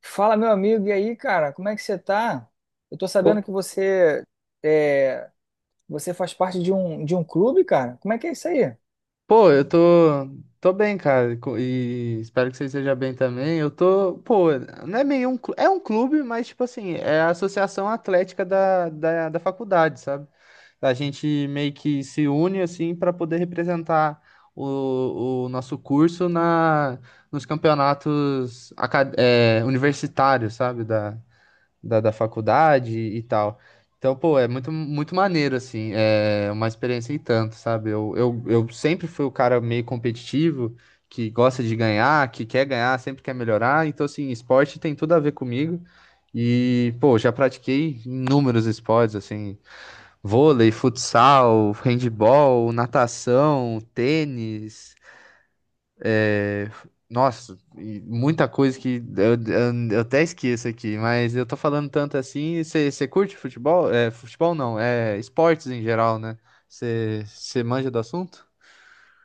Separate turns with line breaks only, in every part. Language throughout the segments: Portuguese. Fala, meu amigo, e aí, cara, como é que você tá? Eu tô sabendo
Ô,
que você é, você faz parte de um clube, cara. Como é que é isso aí?
pô, eu tô bem, cara, e espero que você esteja bem também. Não é meio é um clube, mas tipo assim, é a associação atlética da faculdade, sabe? A gente meio que se une assim para poder representar o nosso curso nos campeonatos universitários, sabe? Da faculdade e tal. Então, pô, é muito, muito maneiro, assim, é uma experiência e tanto, sabe? Eu sempre fui o cara meio competitivo, que gosta de ganhar, que quer ganhar, sempre quer melhorar. Então, assim, esporte tem tudo a ver comigo. E, pô, já pratiquei inúmeros esportes, assim, vôlei, futsal, handball, natação, tênis, nossa, e muita coisa que eu até esqueço aqui, mas eu tô falando tanto assim. Você curte futebol? É, futebol não, é esportes em geral, né? Você manja do assunto?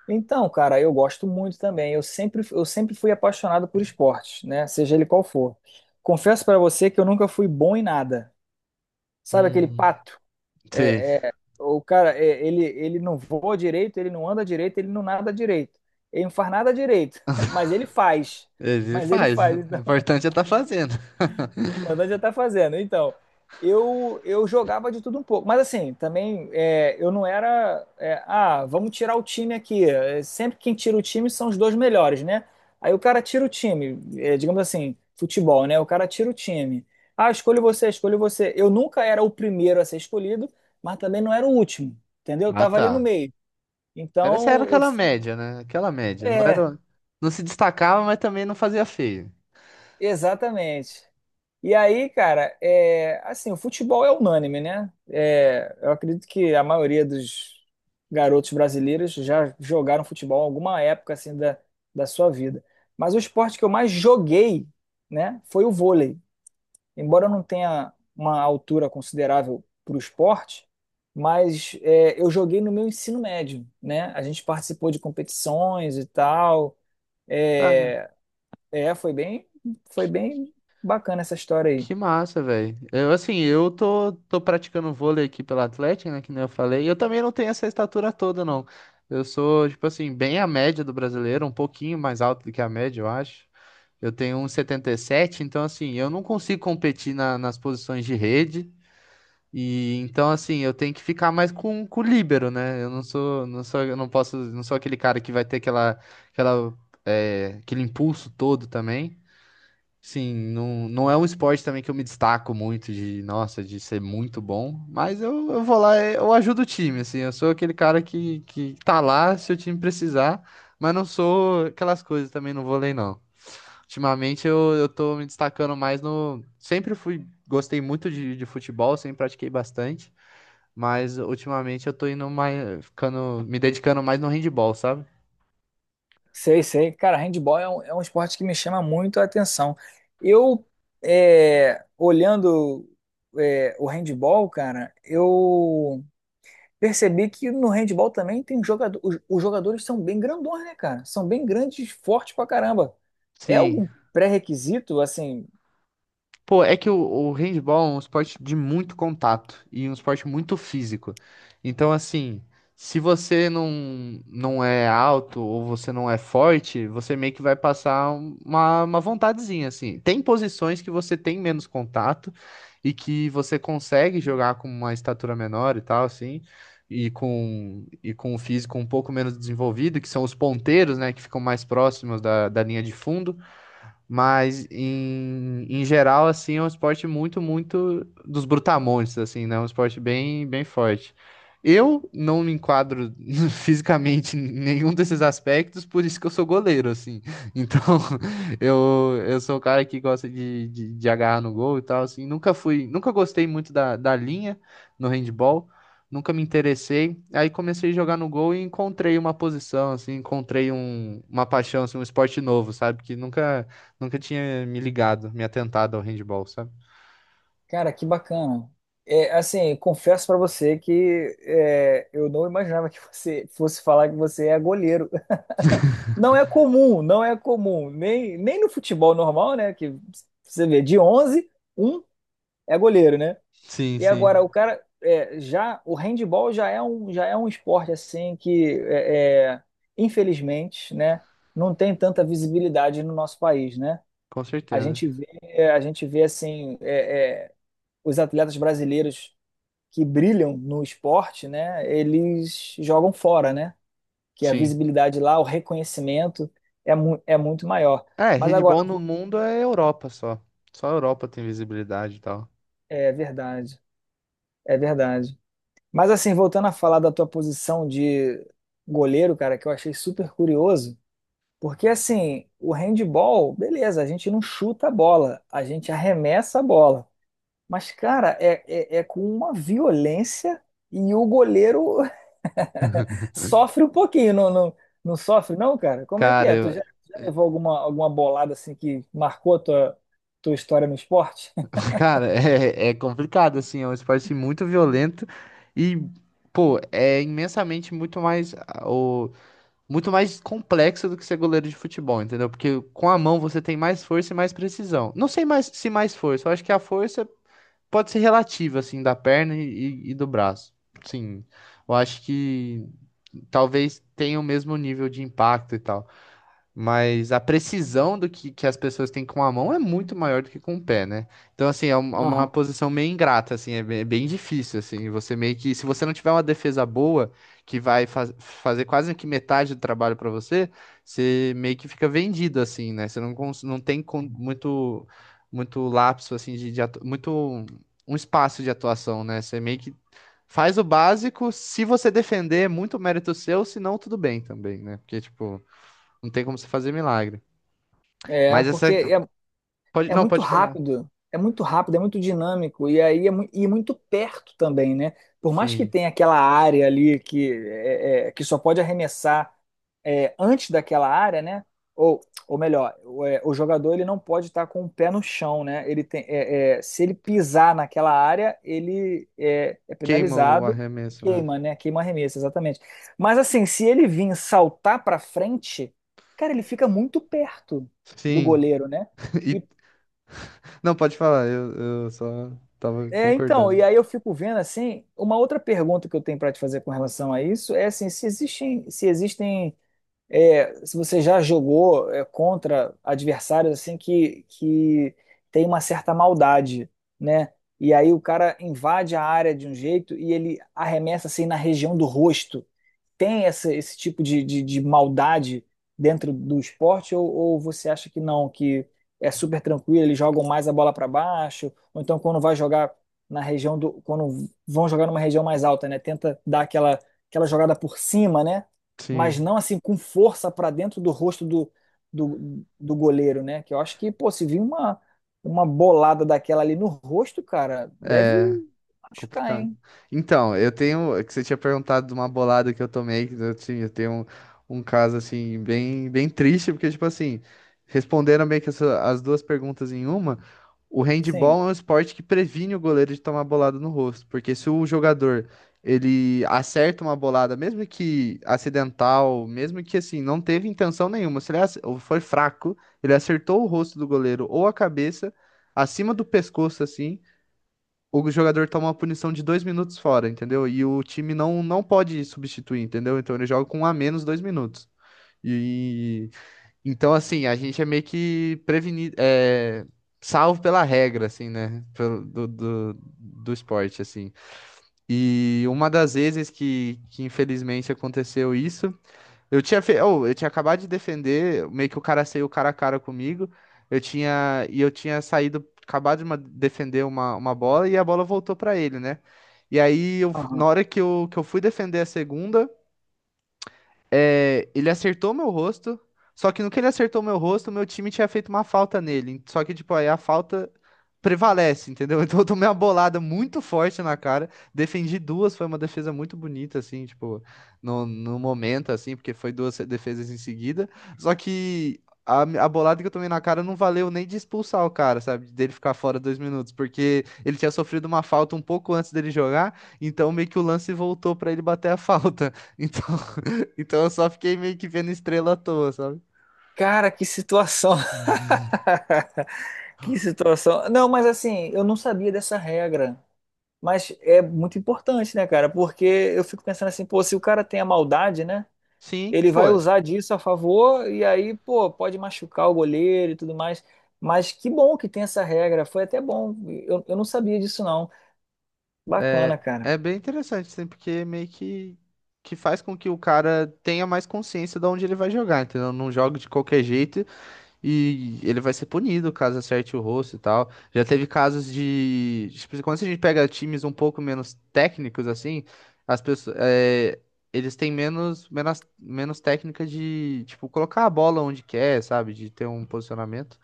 Então, cara, eu gosto muito também. Eu sempre fui apaixonado por esportes, né? Seja ele qual for. Confesso pra você que eu nunca fui bom em nada. Sabe aquele
Hum,
pato?
sei.
O cara, ele não voa direito, ele não anda direito, ele não nada direito. Ele não faz nada direito, mas ele faz.
Ele
Mas ele
faz.
faz.
O
Então,
importante é tá fazendo.
importante já tá fazendo. Então, eu jogava de tudo um pouco, mas assim, eu não era. Vamos tirar o time aqui. É, Sempre quem tira o time são os dois melhores, né? Aí o cara tira o time, é, digamos assim, futebol, né? O cara tira o time. Ah, escolho você, escolho você. Eu nunca era o primeiro a ser escolhido, mas também não era o último, entendeu? Eu
Ah,
tava
tá.
ali no meio.
Era
Então, eu
aquela
sempre.
média, né? Aquela média. Não
É,
era, não se destacava, mas também não fazia feio.
exatamente. E aí, cara, é, assim, o futebol é unânime, né? É, eu acredito que a maioria dos garotos brasileiros já jogaram futebol em alguma época assim da sua vida. Mas o esporte que eu mais joguei, né, foi o vôlei. Embora eu não tenha uma altura considerável para o esporte, mas é, eu joguei no meu ensino médio, né? A gente participou de competições e tal. É,
Cara.
é, foi bem, foi bem bacana essa história aí.
Que massa, velho. Eu, assim, eu tô praticando vôlei aqui pela Atlética, né, que nem eu falei. E eu também não tenho essa estatura toda, não. Eu sou, tipo assim, bem a média do brasileiro, um pouquinho mais alto do que a média, eu acho. Eu tenho 1,77. Então, assim, eu não consigo competir nas posições de rede. E então, assim, eu tenho que ficar mais com o líbero, né? Eu não sou, eu não posso, não sou aquele cara que vai ter aquela, aquele impulso todo também. Sim, não, não é um esporte também que eu me destaco muito de, nossa, de ser muito bom, mas eu vou lá, eu ajudo o time, assim, eu sou aquele cara que tá lá se o time precisar, mas não sou aquelas coisas também no vôlei, não. Ultimamente eu tô me destacando mais no. Sempre fui, gostei muito de futebol, sempre pratiquei bastante, mas ultimamente eu tô indo mais, ficando, me dedicando mais no handball, sabe?
Sei, sei. Cara, handball é é um esporte que me chama muito a atenção. Eu, é, olhando, é, o handball, cara, eu percebi que no handball também tem jogador, os jogadores são bem grandões, né, cara? São bem grandes, fortes pra caramba. É
Sim,
algum pré-requisito, assim.
pô, é que o handball é um esporte de muito contato e um esporte muito físico. Então, assim, se você não é alto ou você não é forte, você meio que vai passar uma vontadezinha, assim. Tem posições que você tem menos contato e que você consegue jogar com uma estatura menor e tal, assim, e com o físico um pouco menos desenvolvido, que são os ponteiros, né, que ficam mais próximos da linha de fundo. Mas em geral, assim, é um esporte muito, muito dos brutamontes, assim, né? Um esporte bem, bem forte. Eu não me enquadro fisicamente em nenhum desses aspectos, por isso que eu sou goleiro, assim. Então, eu sou o cara que gosta de agarrar no gol e tal, assim. Nunca fui, nunca gostei muito da linha no handball, nunca me interessei. Aí comecei a jogar no gol e encontrei uma posição, assim, encontrei uma paixão, assim, um esporte novo, sabe? Que nunca Nunca tinha me ligado, me atentado ao handball, sabe?
Cara, que bacana. É, assim, confesso pra você que é, eu não imaginava que você fosse falar que você é goleiro. Não é comum, não é comum. Nem no futebol normal, né? Que você vê, de 11 um é goleiro, né?
Sim,
E
sim.
agora, o cara, é, já, o handball já é um esporte, assim, que, é, é, infelizmente, né? Não tem tanta visibilidade no nosso país, né?
Com
A
certeza.
gente vê, a gente vê assim, é, é, os atletas brasileiros que brilham no esporte, né, eles jogam fora, né? Que a
Sim.
visibilidade lá, o reconhecimento é, mu é muito maior.
É,
Mas agora,
handball no mundo é Europa só. Só a Europa tem visibilidade e tal.
é verdade, é verdade. Mas assim, voltando a falar da tua posição de goleiro, cara, que eu achei super curioso, porque assim, o handball, beleza, a gente não chuta a bola, a gente arremessa a bola. Mas, cara, é com uma violência e o goleiro sofre um pouquinho, não sofre, não, cara? Como é que
Cara,
é? Tu já, já levou alguma, alguma bolada assim que marcou a tua, tua história no esporte?
cara, é complicado, assim. É um esporte muito violento e, pô, é imensamente muito mais, muito mais complexo do que ser goleiro de futebol, entendeu? Porque com a mão você tem mais força e mais precisão. Não sei mais se mais força, eu acho que a força pode ser relativa, assim, da perna e do braço. Sim, eu acho que talvez tenha o mesmo nível de impacto e tal. Mas a precisão do que as pessoas têm com a mão é muito maior do que com o pé, né? Então, assim, é uma
Aham.
posição meio ingrata, assim, é bem, bem difícil, assim. Você meio que, se você não tiver uma defesa boa, que vai fazer quase que metade do trabalho para você, você meio que fica vendido, assim, né? Você não, não tem muito, muito lapso, assim, de muito, um espaço de atuação, né? Você meio que faz o básico, se você defender, é muito mérito seu, se não, tudo bem também, né? Porque, tipo. Não tem como você fazer milagre.
É,
Mas
porque
essa.
é,
Pode...
é
Não,
muito
pode falar.
rápido, é muito rápido, é muito dinâmico e aí é muito perto também, né? Por mais que
Sim.
tenha aquela área ali que, que só pode arremessar é, antes daquela área, né? Ou, ou melhor, o jogador ele não pode estar com o pé no chão, né? Ele tem, se ele pisar naquela área, ele é
Queima o
penalizado,
arremesso, né?
queima, né? Queima arremesso, exatamente. Mas assim, se ele vir saltar para frente, cara, ele fica muito perto do
Sim.
goleiro, né? E
E... Não, pode falar. Eu só tava
é, então,
concordando.
e aí eu fico vendo assim, uma outra pergunta que eu tenho para te fazer com relação a isso é assim, se existem é, se você já jogou é, contra adversários assim que tem uma certa maldade, né? E aí o cara invade a área de um jeito e ele arremessa assim na região do rosto. Tem essa, esse tipo de maldade dentro do esporte, ou você acha que não, que é super tranquilo, eles jogam mais a bola para baixo, ou então quando vai jogar na região do, quando vão jogar numa região mais alta, né? Tenta dar aquela, aquela jogada por cima, né? Mas
Sim.
não assim com força para dentro do rosto do, do goleiro, né? Que eu acho que, pô, se vir uma bolada daquela ali no rosto, cara, deve
É.
machucar,
Complicado.
hein?
Então, eu tenho. É que você tinha perguntado de uma bolada que eu tomei, que eu tenho um caso assim, bem, bem triste, porque, tipo assim, responderam meio que as duas perguntas em uma. O
Sim.
handball é um esporte que previne o goleiro de tomar bolada no rosto, porque se o jogador ele acerta uma bolada, mesmo que acidental, mesmo que assim, não teve intenção nenhuma, se ele ou foi fraco, ele acertou o rosto do goleiro ou a cabeça, acima do pescoço, assim o jogador toma uma punição de 2 minutos fora, entendeu? E o time não pode substituir, entendeu? Então ele joga com um a menos 2 minutos. E então, assim, a gente é meio que prevenido, é, salvo pela regra, assim, né? Pelo- do, do, do esporte, assim. E uma das vezes que infelizmente aconteceu isso. Eu tinha acabado de defender, meio que o cara saiu cara a cara comigo. Eu tinha saído, acabado de defender uma bola e a bola voltou pra ele, né? E aí na hora que eu fui defender a segunda, ele acertou meu rosto, só que no que ele acertou meu rosto, meu time tinha feito uma falta nele. Só que, tipo, aí a falta prevalece, entendeu? Então eu tomei uma bolada muito forte na cara, defendi duas, foi uma defesa muito bonita, assim, tipo, no, no momento, assim, porque foi duas defesas em seguida. Só que a bolada que eu tomei na cara não valeu nem de expulsar o cara, sabe? Dele ficar fora 2 minutos, porque ele tinha sofrido uma falta um pouco antes dele jogar, então meio que o lance voltou pra ele bater a falta. Então então eu só fiquei meio que vendo estrela à toa, sabe?
Cara, que situação. Que situação. Não, mas assim, eu não sabia dessa regra. Mas é muito importante, né, cara? Porque eu fico pensando assim, pô, se o cara tem a maldade, né?
Sim,
Ele
pô,
vai usar disso a favor e aí, pô, pode machucar o goleiro e tudo mais. Mas que bom que tem essa regra. Foi até bom. Eu não sabia disso, não.
é,
Bacana, cara.
é bem interessante, assim, porque meio que faz com que o cara tenha mais consciência de onde ele vai jogar, entendeu? Não joga de qualquer jeito e ele vai ser punido caso acerte o rosto e tal. Já teve casos de, tipo, quando a gente pega times um pouco menos técnicos, assim, as pessoas, é, eles têm menos, menos, menos técnica de, tipo, colocar a bola onde quer, sabe? De ter um posicionamento.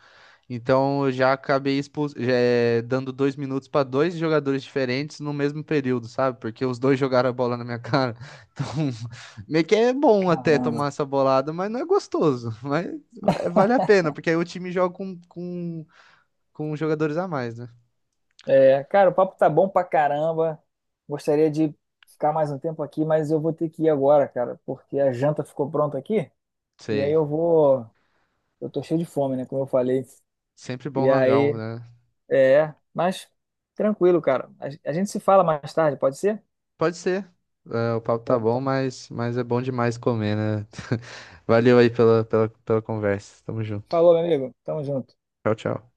Então eu já acabei já, dando 2 minutos para dois jogadores diferentes no mesmo período, sabe? Porque os dois jogaram a bola na minha cara. Então, meio que é bom até
Caramba.
tomar essa bolada, mas não é gostoso. Mas eh, vale a pena, porque aí o time joga com jogadores a mais, né?
É, cara, o papo tá bom pra caramba. Gostaria de ficar mais um tempo aqui, mas eu vou ter que ir agora, cara, porque a janta ficou pronta aqui. E aí
Sei.
eu vou. Eu tô cheio de fome, né? Como eu falei.
Sempre
E
bom hangar,
aí,
né?
é. Mas tranquilo, cara. A gente se fala mais tarde, pode ser?
Pode ser. É, o papo tá
Bom,
bom,
então,
mas é bom demais comer, né? Valeu aí pela conversa. Tamo junto.
falou, meu amigo. Tamo junto.
Tchau, tchau.